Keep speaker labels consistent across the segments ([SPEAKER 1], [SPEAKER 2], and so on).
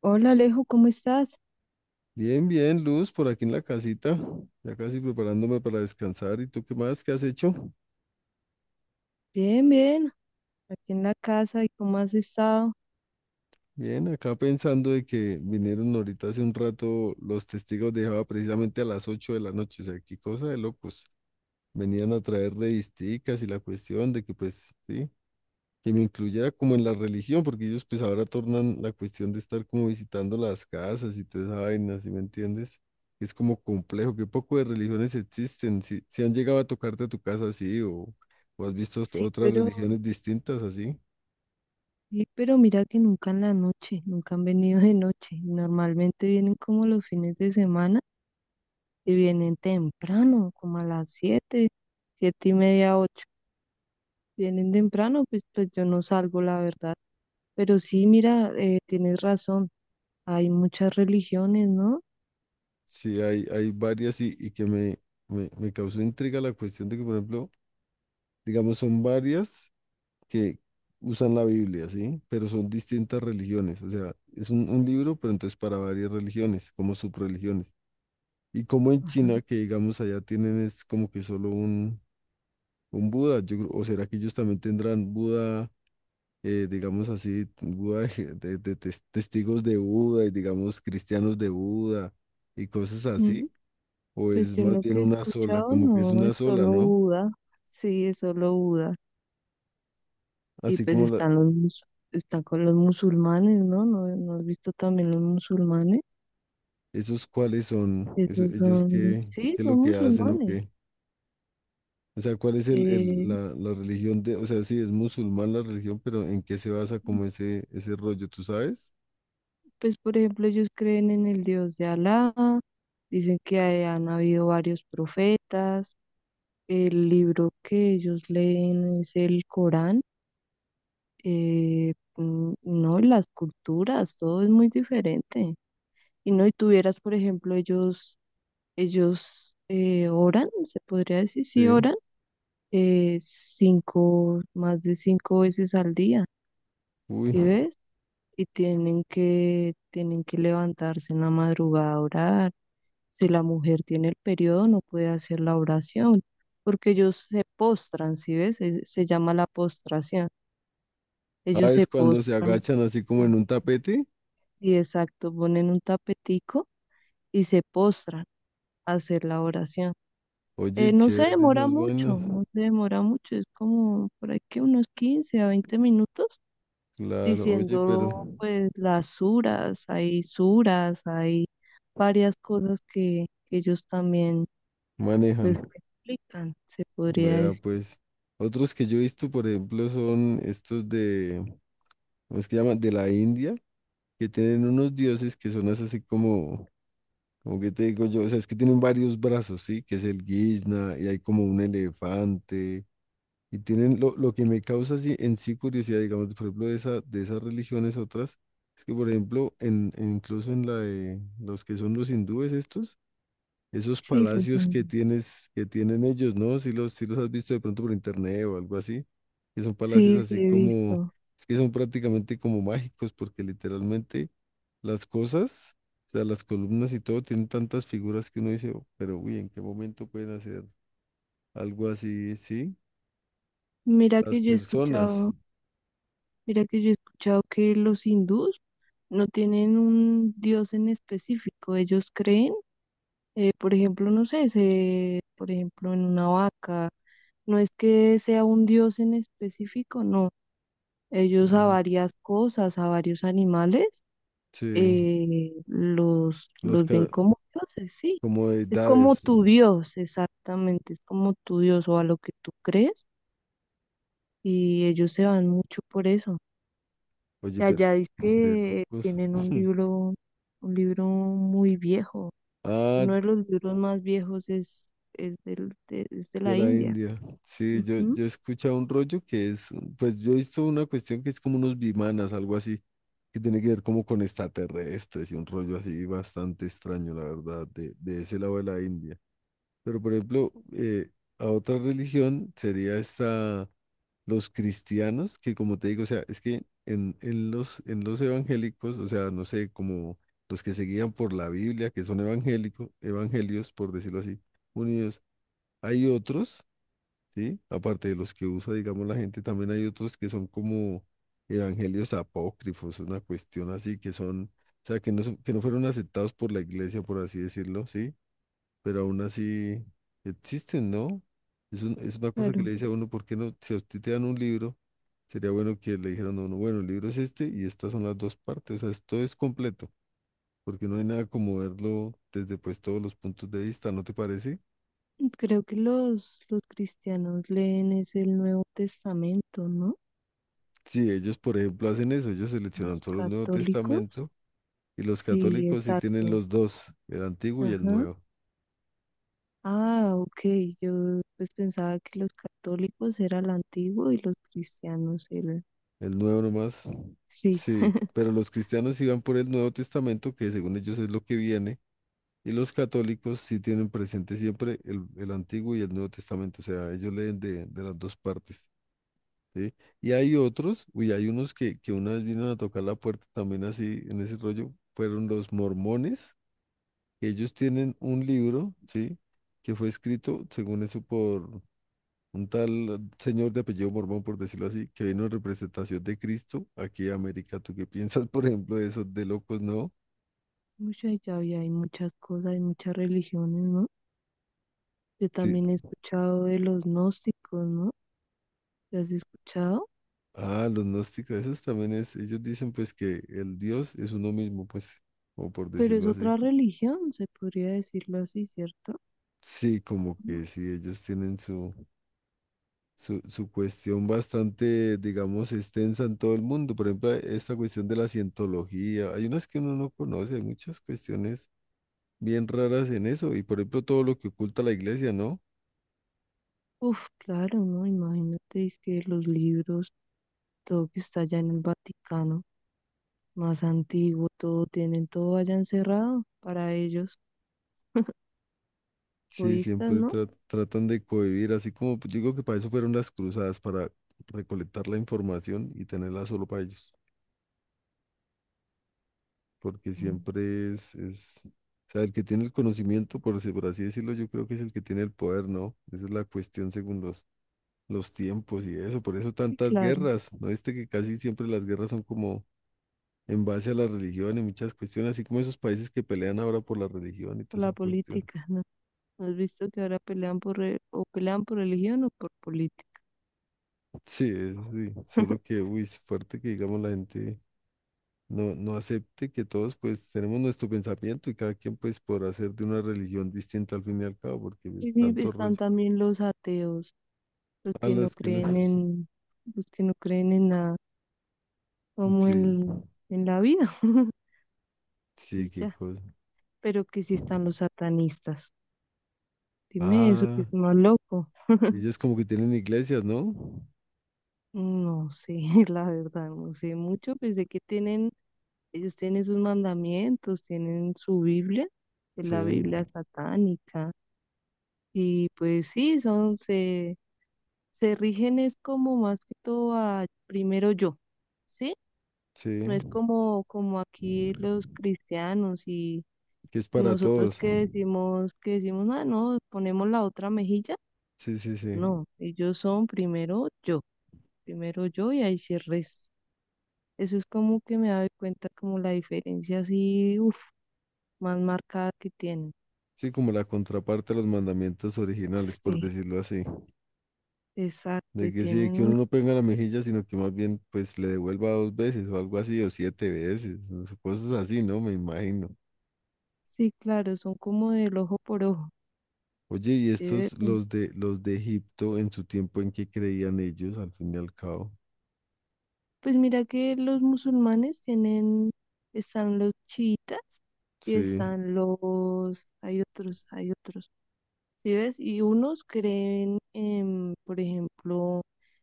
[SPEAKER 1] Hola Alejo, ¿cómo estás?
[SPEAKER 2] Bien, bien, Luz, por aquí en la casita, ya casi preparándome para descansar. ¿Y tú qué más? ¿Qué has hecho?
[SPEAKER 1] Bien, bien, aquí en la casa, ¿y cómo has estado?
[SPEAKER 2] Bien, acá pensando de que vinieron ahorita hace un rato los testigos de Jehová precisamente a las 8 de la noche, o sea, qué cosa de locos. Venían a traer revisticas y la cuestión de que pues sí, que me incluyera como en la religión, porque ellos pues ahora tornan la cuestión de estar como visitando las casas y toda esa vaina, ¿sí me entiendes? Es como complejo, qué poco de religiones existen, si han llegado a tocarte a tu casa así o has visto hasta
[SPEAKER 1] Sí,
[SPEAKER 2] otras
[SPEAKER 1] pero,
[SPEAKER 2] religiones distintas así,
[SPEAKER 1] sí, pero mira que nunca en la noche, nunca han venido de noche. Normalmente vienen como los fines de semana y vienen temprano, como a las siete, siete y media, ocho. Vienen temprano, pues yo no salgo, la verdad. Pero sí, mira, tienes razón, hay muchas religiones, ¿no?
[SPEAKER 2] sí hay varias y que me causó intriga la cuestión de que, por ejemplo, digamos, son varias que usan la Biblia, ¿sí? Pero son distintas religiones, o sea, es un libro, pero entonces para varias religiones, como subreligiones. Y como en
[SPEAKER 1] Ajá.
[SPEAKER 2] China, que digamos allá tienen es como que solo un Buda, o será que ellos también tendrán Buda, digamos así, Buda de testigos de Buda y digamos cristianos de Buda y cosas
[SPEAKER 1] Mm.
[SPEAKER 2] así, o
[SPEAKER 1] Pues
[SPEAKER 2] es
[SPEAKER 1] yo
[SPEAKER 2] más
[SPEAKER 1] lo
[SPEAKER 2] bien
[SPEAKER 1] que he
[SPEAKER 2] una sola,
[SPEAKER 1] escuchado
[SPEAKER 2] como que es
[SPEAKER 1] no es
[SPEAKER 2] una sola,
[SPEAKER 1] solo
[SPEAKER 2] ¿no?
[SPEAKER 1] Buda, sí, es solo Buda. Y
[SPEAKER 2] Así
[SPEAKER 1] pues
[SPEAKER 2] como la-
[SPEAKER 1] están los mus- Está con los musulmanes, ¿no? ¿No, no has visto también los musulmanes?
[SPEAKER 2] esos cuáles son, eso-
[SPEAKER 1] Esos
[SPEAKER 2] ellos
[SPEAKER 1] son,
[SPEAKER 2] qué,
[SPEAKER 1] sí,
[SPEAKER 2] qué es
[SPEAKER 1] son
[SPEAKER 2] lo que hacen o
[SPEAKER 1] musulmanes.
[SPEAKER 2] qué. O sea, ¿cuál es
[SPEAKER 1] Eh,
[SPEAKER 2] la, la religión de, o sea, sí, es musulmán la religión, pero ¿en qué
[SPEAKER 1] s-
[SPEAKER 2] se basa como ese rollo, tú sabes?
[SPEAKER 1] pues por ejemplo, ellos creen en el Dios de Alá, han habido varios profetas, el libro que ellos leen es el Corán, no, y las culturas, todo es muy diferente. Y no, y tuvieras, por ejemplo, ellos. Ellos oran, se podría decir, sí
[SPEAKER 2] Sí.
[SPEAKER 1] oran, cinco, más de cinco veces al día,
[SPEAKER 2] Uy,
[SPEAKER 1] ¿sí ves? Y tienen que levantarse en la madrugada a orar. Si la mujer tiene el periodo, no puede hacer la oración, porque ellos se postran, ¿sí ves? Se llama la postración. Ellos
[SPEAKER 2] ah,
[SPEAKER 1] se
[SPEAKER 2] es cuando se
[SPEAKER 1] postran,
[SPEAKER 2] agachan así como en
[SPEAKER 1] sí,
[SPEAKER 2] un tapete.
[SPEAKER 1] y exacto, ponen un tapetico y se postran a hacer la oración.
[SPEAKER 2] Oye,
[SPEAKER 1] No se
[SPEAKER 2] chévere
[SPEAKER 1] demora
[SPEAKER 2] esas vainas.
[SPEAKER 1] mucho, no se demora mucho, es como por aquí unos 15 a 20 minutos
[SPEAKER 2] Claro, oye, pero
[SPEAKER 1] diciendo pues las suras, hay varias cosas que ellos también
[SPEAKER 2] manejan.
[SPEAKER 1] pues explican, se podría
[SPEAKER 2] Vea,
[SPEAKER 1] decir.
[SPEAKER 2] pues. Otros que yo he visto, por ejemplo, son estos de, ¿cómo es que llaman? De la India, que tienen unos dioses que son así como, como que te digo yo, o sea, es que tienen varios brazos, ¿sí? Que es el guisna y hay como un elefante. Y tienen lo que me causa así en sí curiosidad, digamos, por ejemplo, de esa, de esas religiones otras, es que, por ejemplo, incluso en la de los que son los hindúes estos, esos
[SPEAKER 1] Sí, los
[SPEAKER 2] palacios que
[SPEAKER 1] hindúes.
[SPEAKER 2] tienes, que tienen ellos, ¿no? Si los, si los has visto de pronto por internet o algo así, que son palacios
[SPEAKER 1] Sí, sí,
[SPEAKER 2] así
[SPEAKER 1] he
[SPEAKER 2] como,
[SPEAKER 1] visto.
[SPEAKER 2] es que son prácticamente como mágicos, porque literalmente las cosas, o sea, las columnas y todo, tienen tantas figuras que uno dice, "Oh, pero uy, ¿en qué momento pueden hacer algo así? Sí,
[SPEAKER 1] Mira
[SPEAKER 2] las
[SPEAKER 1] que yo he
[SPEAKER 2] personas.
[SPEAKER 1] escuchado, mira que yo he escuchado que los hindús no tienen un dios en específico, ellos creen, por ejemplo, no sé, se, por ejemplo, en una vaca, no es que sea un dios en específico, no. Ellos a
[SPEAKER 2] Mm,
[SPEAKER 1] varias cosas, a varios animales,
[SPEAKER 2] sí, los
[SPEAKER 1] los ven
[SPEAKER 2] ca-
[SPEAKER 1] como dioses, sí.
[SPEAKER 2] como de
[SPEAKER 1] Es como tu dios, exactamente, es como tu dios o a lo que tú crees, y ellos se van mucho por eso. Y
[SPEAKER 2] oye, pero
[SPEAKER 1] allá dice
[SPEAKER 2] de
[SPEAKER 1] que
[SPEAKER 2] locos.
[SPEAKER 1] tienen un libro muy viejo.
[SPEAKER 2] Ah,
[SPEAKER 1] Uno de los libros más viejos es del, de, es de
[SPEAKER 2] de
[SPEAKER 1] la
[SPEAKER 2] la
[SPEAKER 1] India.
[SPEAKER 2] India. Sí, yo,
[SPEAKER 1] Ujú,
[SPEAKER 2] yo he escuchado un rollo que es, pues yo he visto una cuestión que es como unos bimanas, algo así, que tiene que ver como con extraterrestres y un rollo así bastante extraño, la verdad, de ese lado de la India. Pero por ejemplo, a otra religión sería esta, los cristianos, que como te digo, o sea, es que en los evangélicos, o sea, no sé, como los que se guían por la Biblia, que son evangélicos, evangelios, por decirlo así, unidos, hay otros, ¿sí? Aparte de los que usa, digamos, la gente, también hay otros que son como evangelios apócrifos, una cuestión así, que son, o sea, que no, son- que no fueron aceptados por la iglesia, por así decirlo, ¿sí? Pero aún así existen, ¿no? Es, un- es una cosa que
[SPEAKER 1] claro.
[SPEAKER 2] le dice a uno, ¿por qué no? Si a usted te dan un libro, sería bueno que le dijeran a uno, bueno, el libro es este y estas son las dos partes, o sea, esto es completo, porque no hay nada como verlo desde pues todos los puntos de vista, ¿no te parece?
[SPEAKER 1] Creo que los cristianos leen es el Nuevo Testamento, ¿no?
[SPEAKER 2] Sí, ellos, por ejemplo, hacen eso, ellos
[SPEAKER 1] Los
[SPEAKER 2] seleccionan solo el Nuevo
[SPEAKER 1] católicos.
[SPEAKER 2] Testamento y los
[SPEAKER 1] Sí,
[SPEAKER 2] católicos sí tienen
[SPEAKER 1] exacto.
[SPEAKER 2] los dos, el Antiguo y
[SPEAKER 1] Ajá. Ah, ok. Yo pues pensaba que los católicos era el antiguo y los cristianos el...
[SPEAKER 2] El Nuevo nomás,
[SPEAKER 1] Sí.
[SPEAKER 2] sí, pero los cristianos sí van por el Nuevo Testamento, que según ellos es lo que viene. Y los católicos sí tienen presente siempre el Antiguo y el Nuevo Testamento, o sea, ellos leen de las dos partes, ¿sí? Y hay otros, uy, hay unos que una vez vinieron a tocar la puerta también así, en ese rollo, fueron los mormones, que ellos tienen un libro, ¿sí? Que fue escrito, según eso, por un tal señor de apellido Mormón, por decirlo así, que vino en representación de Cristo aquí a América. ¿Tú qué piensas, por ejemplo, de esos de locos, no?
[SPEAKER 1] Mucha llave, hay muchas cosas, hay muchas religiones, ¿no? Yo
[SPEAKER 2] Sí.
[SPEAKER 1] también he escuchado de los gnósticos, ¿no? ¿Te has escuchado?
[SPEAKER 2] Ah, los gnósticos, esos también es, ellos dicen pues que el Dios es uno mismo, pues, o por
[SPEAKER 1] Pero es
[SPEAKER 2] decirlo así.
[SPEAKER 1] otra religión, se podría decirlo así, ¿cierto?
[SPEAKER 2] Sí, como que sí, ellos tienen su, su cuestión bastante, digamos, extensa en todo el mundo. Por ejemplo, esta cuestión de la cientología, hay unas que uno no conoce, hay muchas cuestiones bien raras en eso, y por ejemplo todo lo que oculta la iglesia, ¿no?
[SPEAKER 1] Uf, claro, ¿no? Imagínate, es que los libros, todo que está allá en el Vaticano, más antiguo, todo tienen todo allá encerrado para ellos,
[SPEAKER 2] Sí,
[SPEAKER 1] budistas,
[SPEAKER 2] siempre
[SPEAKER 1] ¿no?
[SPEAKER 2] tratan de cohibir, así como pues, yo digo que para eso fueron las cruzadas, para recolectar la información y tenerla solo para ellos. Porque
[SPEAKER 1] Mm.
[SPEAKER 2] siempre es, o sea, el que tiene el conocimiento, por así decirlo, yo creo que es el que tiene el poder, ¿no? Esa es la cuestión según los tiempos y eso, por eso
[SPEAKER 1] Sí,
[SPEAKER 2] tantas
[SPEAKER 1] claro,
[SPEAKER 2] guerras, ¿no viste que casi siempre las guerras son como en base a la religión y muchas cuestiones, así como esos países que pelean ahora por la religión y
[SPEAKER 1] por
[SPEAKER 2] toda
[SPEAKER 1] la
[SPEAKER 2] esa cuestión.
[SPEAKER 1] política, ¿no? ¿Has visto que ahora pelean o pelean por religión o por política?
[SPEAKER 2] Sí, eso sí, solo que, uy, es fuerte que digamos la gente... No, no acepte que todos pues tenemos nuestro pensamiento y cada quien pues podrá hacer de una religión distinta al fin y al cabo, porque
[SPEAKER 1] Y
[SPEAKER 2] es
[SPEAKER 1] sí,
[SPEAKER 2] tanto
[SPEAKER 1] están
[SPEAKER 2] rollo.
[SPEAKER 1] también los ateos, los
[SPEAKER 2] A
[SPEAKER 1] que no
[SPEAKER 2] los que no.
[SPEAKER 1] creen en, los que no creen en nada, como
[SPEAKER 2] Sí,
[SPEAKER 1] en la vida,
[SPEAKER 2] sí,
[SPEAKER 1] y
[SPEAKER 2] qué
[SPEAKER 1] ya.
[SPEAKER 2] cosa.
[SPEAKER 1] Pero que sí están los satanistas. Dime eso, que
[SPEAKER 2] Ah,
[SPEAKER 1] es más loco.
[SPEAKER 2] ellos como que tienen iglesias, ¿no?
[SPEAKER 1] No sé, la verdad, no sé mucho. Pensé que tienen, ellos tienen sus mandamientos, tienen su Biblia, que es
[SPEAKER 2] Sí,
[SPEAKER 1] la Biblia satánica. Y pues sí, son, se rigen es como más que todo a primero yo, ¿sí?
[SPEAKER 2] sí,
[SPEAKER 1] No es como, como aquí los cristianos y
[SPEAKER 2] que es para
[SPEAKER 1] nosotros
[SPEAKER 2] todos.
[SPEAKER 1] que decimos, ah, no, ponemos la otra mejilla.
[SPEAKER 2] Sí, sí, sí.
[SPEAKER 1] No, ellos son primero yo y ahí se reza. Eso es como que me doy cuenta como la diferencia así, uff, más marcada que tienen.
[SPEAKER 2] Sí, como la contraparte a los mandamientos originales, por
[SPEAKER 1] Sí.
[SPEAKER 2] decirlo así.
[SPEAKER 1] Exacto,
[SPEAKER 2] De
[SPEAKER 1] y
[SPEAKER 2] que sí, de
[SPEAKER 1] tienen
[SPEAKER 2] que
[SPEAKER 1] un...
[SPEAKER 2] uno no pega la mejilla, sino que más bien pues le devuelva dos veces o algo así, o siete veces, o sea, cosas así, ¿no? Me imagino.
[SPEAKER 1] Sí, claro, son como del ojo por ojo.
[SPEAKER 2] Oye, ¿y
[SPEAKER 1] Eh,
[SPEAKER 2] estos
[SPEAKER 1] mm,
[SPEAKER 2] los de Egipto en su tiempo en que creían ellos, al fin y al cabo?
[SPEAKER 1] pues mira que los musulmanes tienen, están los chiitas y
[SPEAKER 2] Sí.
[SPEAKER 1] están los... Hay otros, hay otros. ¿Sí ves? Y unos creen en, por ejemplo,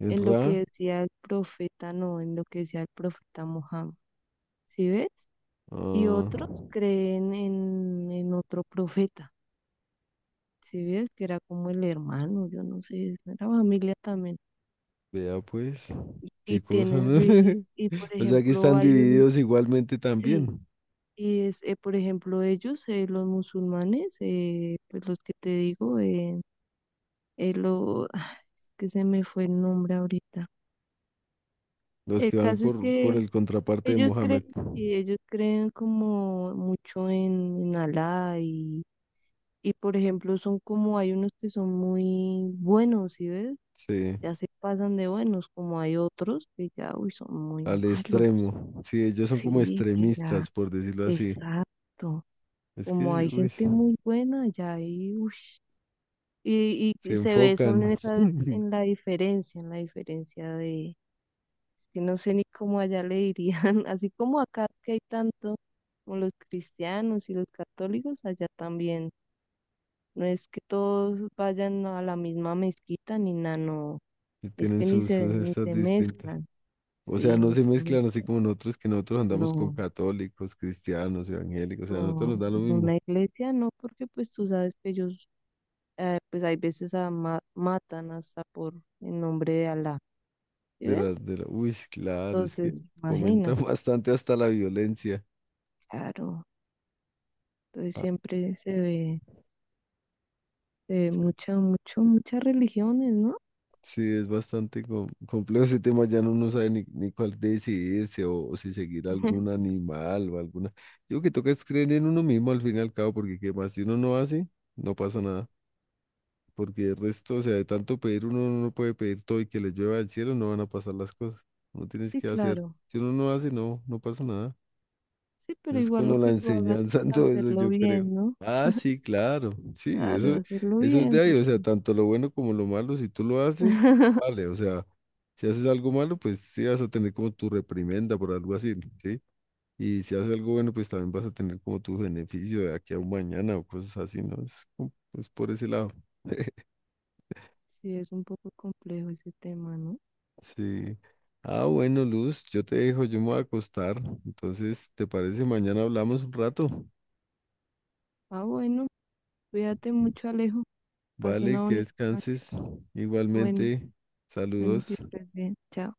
[SPEAKER 2] ¿En
[SPEAKER 1] en lo
[SPEAKER 2] Ra?
[SPEAKER 1] que decía el profeta, no, en lo que decía el profeta Mohammed. ¿Sí ves? Y
[SPEAKER 2] Ah,
[SPEAKER 1] otros creen en otro profeta, si ves que era como el hermano, yo no sé, es la familia también.
[SPEAKER 2] vea pues,
[SPEAKER 1] Y
[SPEAKER 2] qué cosa,
[SPEAKER 1] tienen,
[SPEAKER 2] ¿no?
[SPEAKER 1] de- y por
[SPEAKER 2] O sea que
[SPEAKER 1] ejemplo,
[SPEAKER 2] están
[SPEAKER 1] hay un,
[SPEAKER 2] divididos igualmente
[SPEAKER 1] sí,
[SPEAKER 2] también,
[SPEAKER 1] y es, por ejemplo, ellos, los musulmanes, pues los que te digo, lo, es que se me fue el nombre ahorita.
[SPEAKER 2] los
[SPEAKER 1] El
[SPEAKER 2] que van
[SPEAKER 1] caso es
[SPEAKER 2] por
[SPEAKER 1] que
[SPEAKER 2] el contraparte de
[SPEAKER 1] ellos
[SPEAKER 2] Mohamed,
[SPEAKER 1] creen, y ellos creen como mucho en Alá. Y por ejemplo, son como hay unos que son muy buenos, ¿sí ves?
[SPEAKER 2] sí,
[SPEAKER 1] Ya se pasan de buenos, como hay otros que ya, uy, son muy
[SPEAKER 2] al
[SPEAKER 1] malos.
[SPEAKER 2] extremo, sí, ellos son como
[SPEAKER 1] Sí, que ya,
[SPEAKER 2] extremistas, por decirlo así.
[SPEAKER 1] exacto.
[SPEAKER 2] Es
[SPEAKER 1] Como
[SPEAKER 2] que,
[SPEAKER 1] hay
[SPEAKER 2] uy,
[SPEAKER 1] gente muy buena, ya hay, uy. Y, y,
[SPEAKER 2] se
[SPEAKER 1] y se ve, son en
[SPEAKER 2] enfocan
[SPEAKER 1] esa, en la diferencia de, que no sé ni cómo allá le dirían, así como acá que hay tanto, como los cristianos y los católicos, allá también. No es que todos vayan a la misma mezquita ni nada, no.
[SPEAKER 2] y
[SPEAKER 1] Es
[SPEAKER 2] tienen
[SPEAKER 1] que
[SPEAKER 2] sus, sus
[SPEAKER 1] ni
[SPEAKER 2] estas
[SPEAKER 1] se
[SPEAKER 2] distintas.
[SPEAKER 1] mezclan,
[SPEAKER 2] O sea,
[SPEAKER 1] sí,
[SPEAKER 2] no
[SPEAKER 1] ni
[SPEAKER 2] se
[SPEAKER 1] se
[SPEAKER 2] mezclan
[SPEAKER 1] mezclan.
[SPEAKER 2] así como nosotros, que nosotros andamos con
[SPEAKER 1] No,
[SPEAKER 2] católicos, cristianos, evangélicos, o sea, a nosotros nos
[SPEAKER 1] no,
[SPEAKER 2] da lo
[SPEAKER 1] una
[SPEAKER 2] mismo.
[SPEAKER 1] iglesia no, porque pues tú sabes que ellos, pues hay veces matan hasta por el nombre de Alá, ¿sí
[SPEAKER 2] De la,
[SPEAKER 1] ves?
[SPEAKER 2] de la- Uy, sí, claro, es que
[SPEAKER 1] Entonces,
[SPEAKER 2] comentan
[SPEAKER 1] imagínate,
[SPEAKER 2] bastante hasta la violencia.
[SPEAKER 1] claro. Entonces
[SPEAKER 2] Ah,
[SPEAKER 1] siempre se ve mucha, mucho, muchas religiones, ¿no?
[SPEAKER 2] sí, es bastante complejo ese tema, ya no uno no sabe ni cuál decidirse o si seguir algún animal o alguna. Yo que toca es creer en uno mismo al fin y al cabo, porque qué más, si uno no hace, no pasa nada. Porque el resto, o sea, de tanto pedir uno no puede pedir todo y que le llueva del cielo, no van a pasar las cosas. No tienes
[SPEAKER 1] Sí,
[SPEAKER 2] que hacer.
[SPEAKER 1] claro.
[SPEAKER 2] Si uno no hace, no pasa nada.
[SPEAKER 1] Sí, pero
[SPEAKER 2] Es
[SPEAKER 1] igual lo
[SPEAKER 2] como
[SPEAKER 1] que
[SPEAKER 2] la
[SPEAKER 1] tú hagas,
[SPEAKER 2] enseñanza
[SPEAKER 1] pues
[SPEAKER 2] en todo eso,
[SPEAKER 1] hacerlo
[SPEAKER 2] yo creo.
[SPEAKER 1] bien, ¿no?
[SPEAKER 2] Ah, sí, claro. Sí,
[SPEAKER 1] Claro,
[SPEAKER 2] eso,
[SPEAKER 1] hacerlo
[SPEAKER 2] eso es
[SPEAKER 1] bien,
[SPEAKER 2] de ahí. O sea,
[SPEAKER 1] porque
[SPEAKER 2] tanto lo bueno como lo malo, si tú lo haces, vale. O sea, si haces algo malo, pues sí vas a tener como tu reprimenda por algo así, ¿sí? Y si haces algo bueno, pues también vas a tener como tu beneficio de aquí a un mañana o cosas así, ¿no? Es, como- es por ese lado.
[SPEAKER 1] sí, es un poco complejo ese tema, ¿no?
[SPEAKER 2] Sí. Ah, bueno, Luz, yo te dejo, yo me voy a acostar. Entonces, ¿te parece? Mañana hablamos un rato.
[SPEAKER 1] Ah, bueno, cuídate mucho, Alejo. Pasa una
[SPEAKER 2] Vale, que
[SPEAKER 1] bonita noche.
[SPEAKER 2] descanses.
[SPEAKER 1] Bueno,
[SPEAKER 2] Igualmente,
[SPEAKER 1] bueno,
[SPEAKER 2] saludos.
[SPEAKER 1] que estés bien. Chao.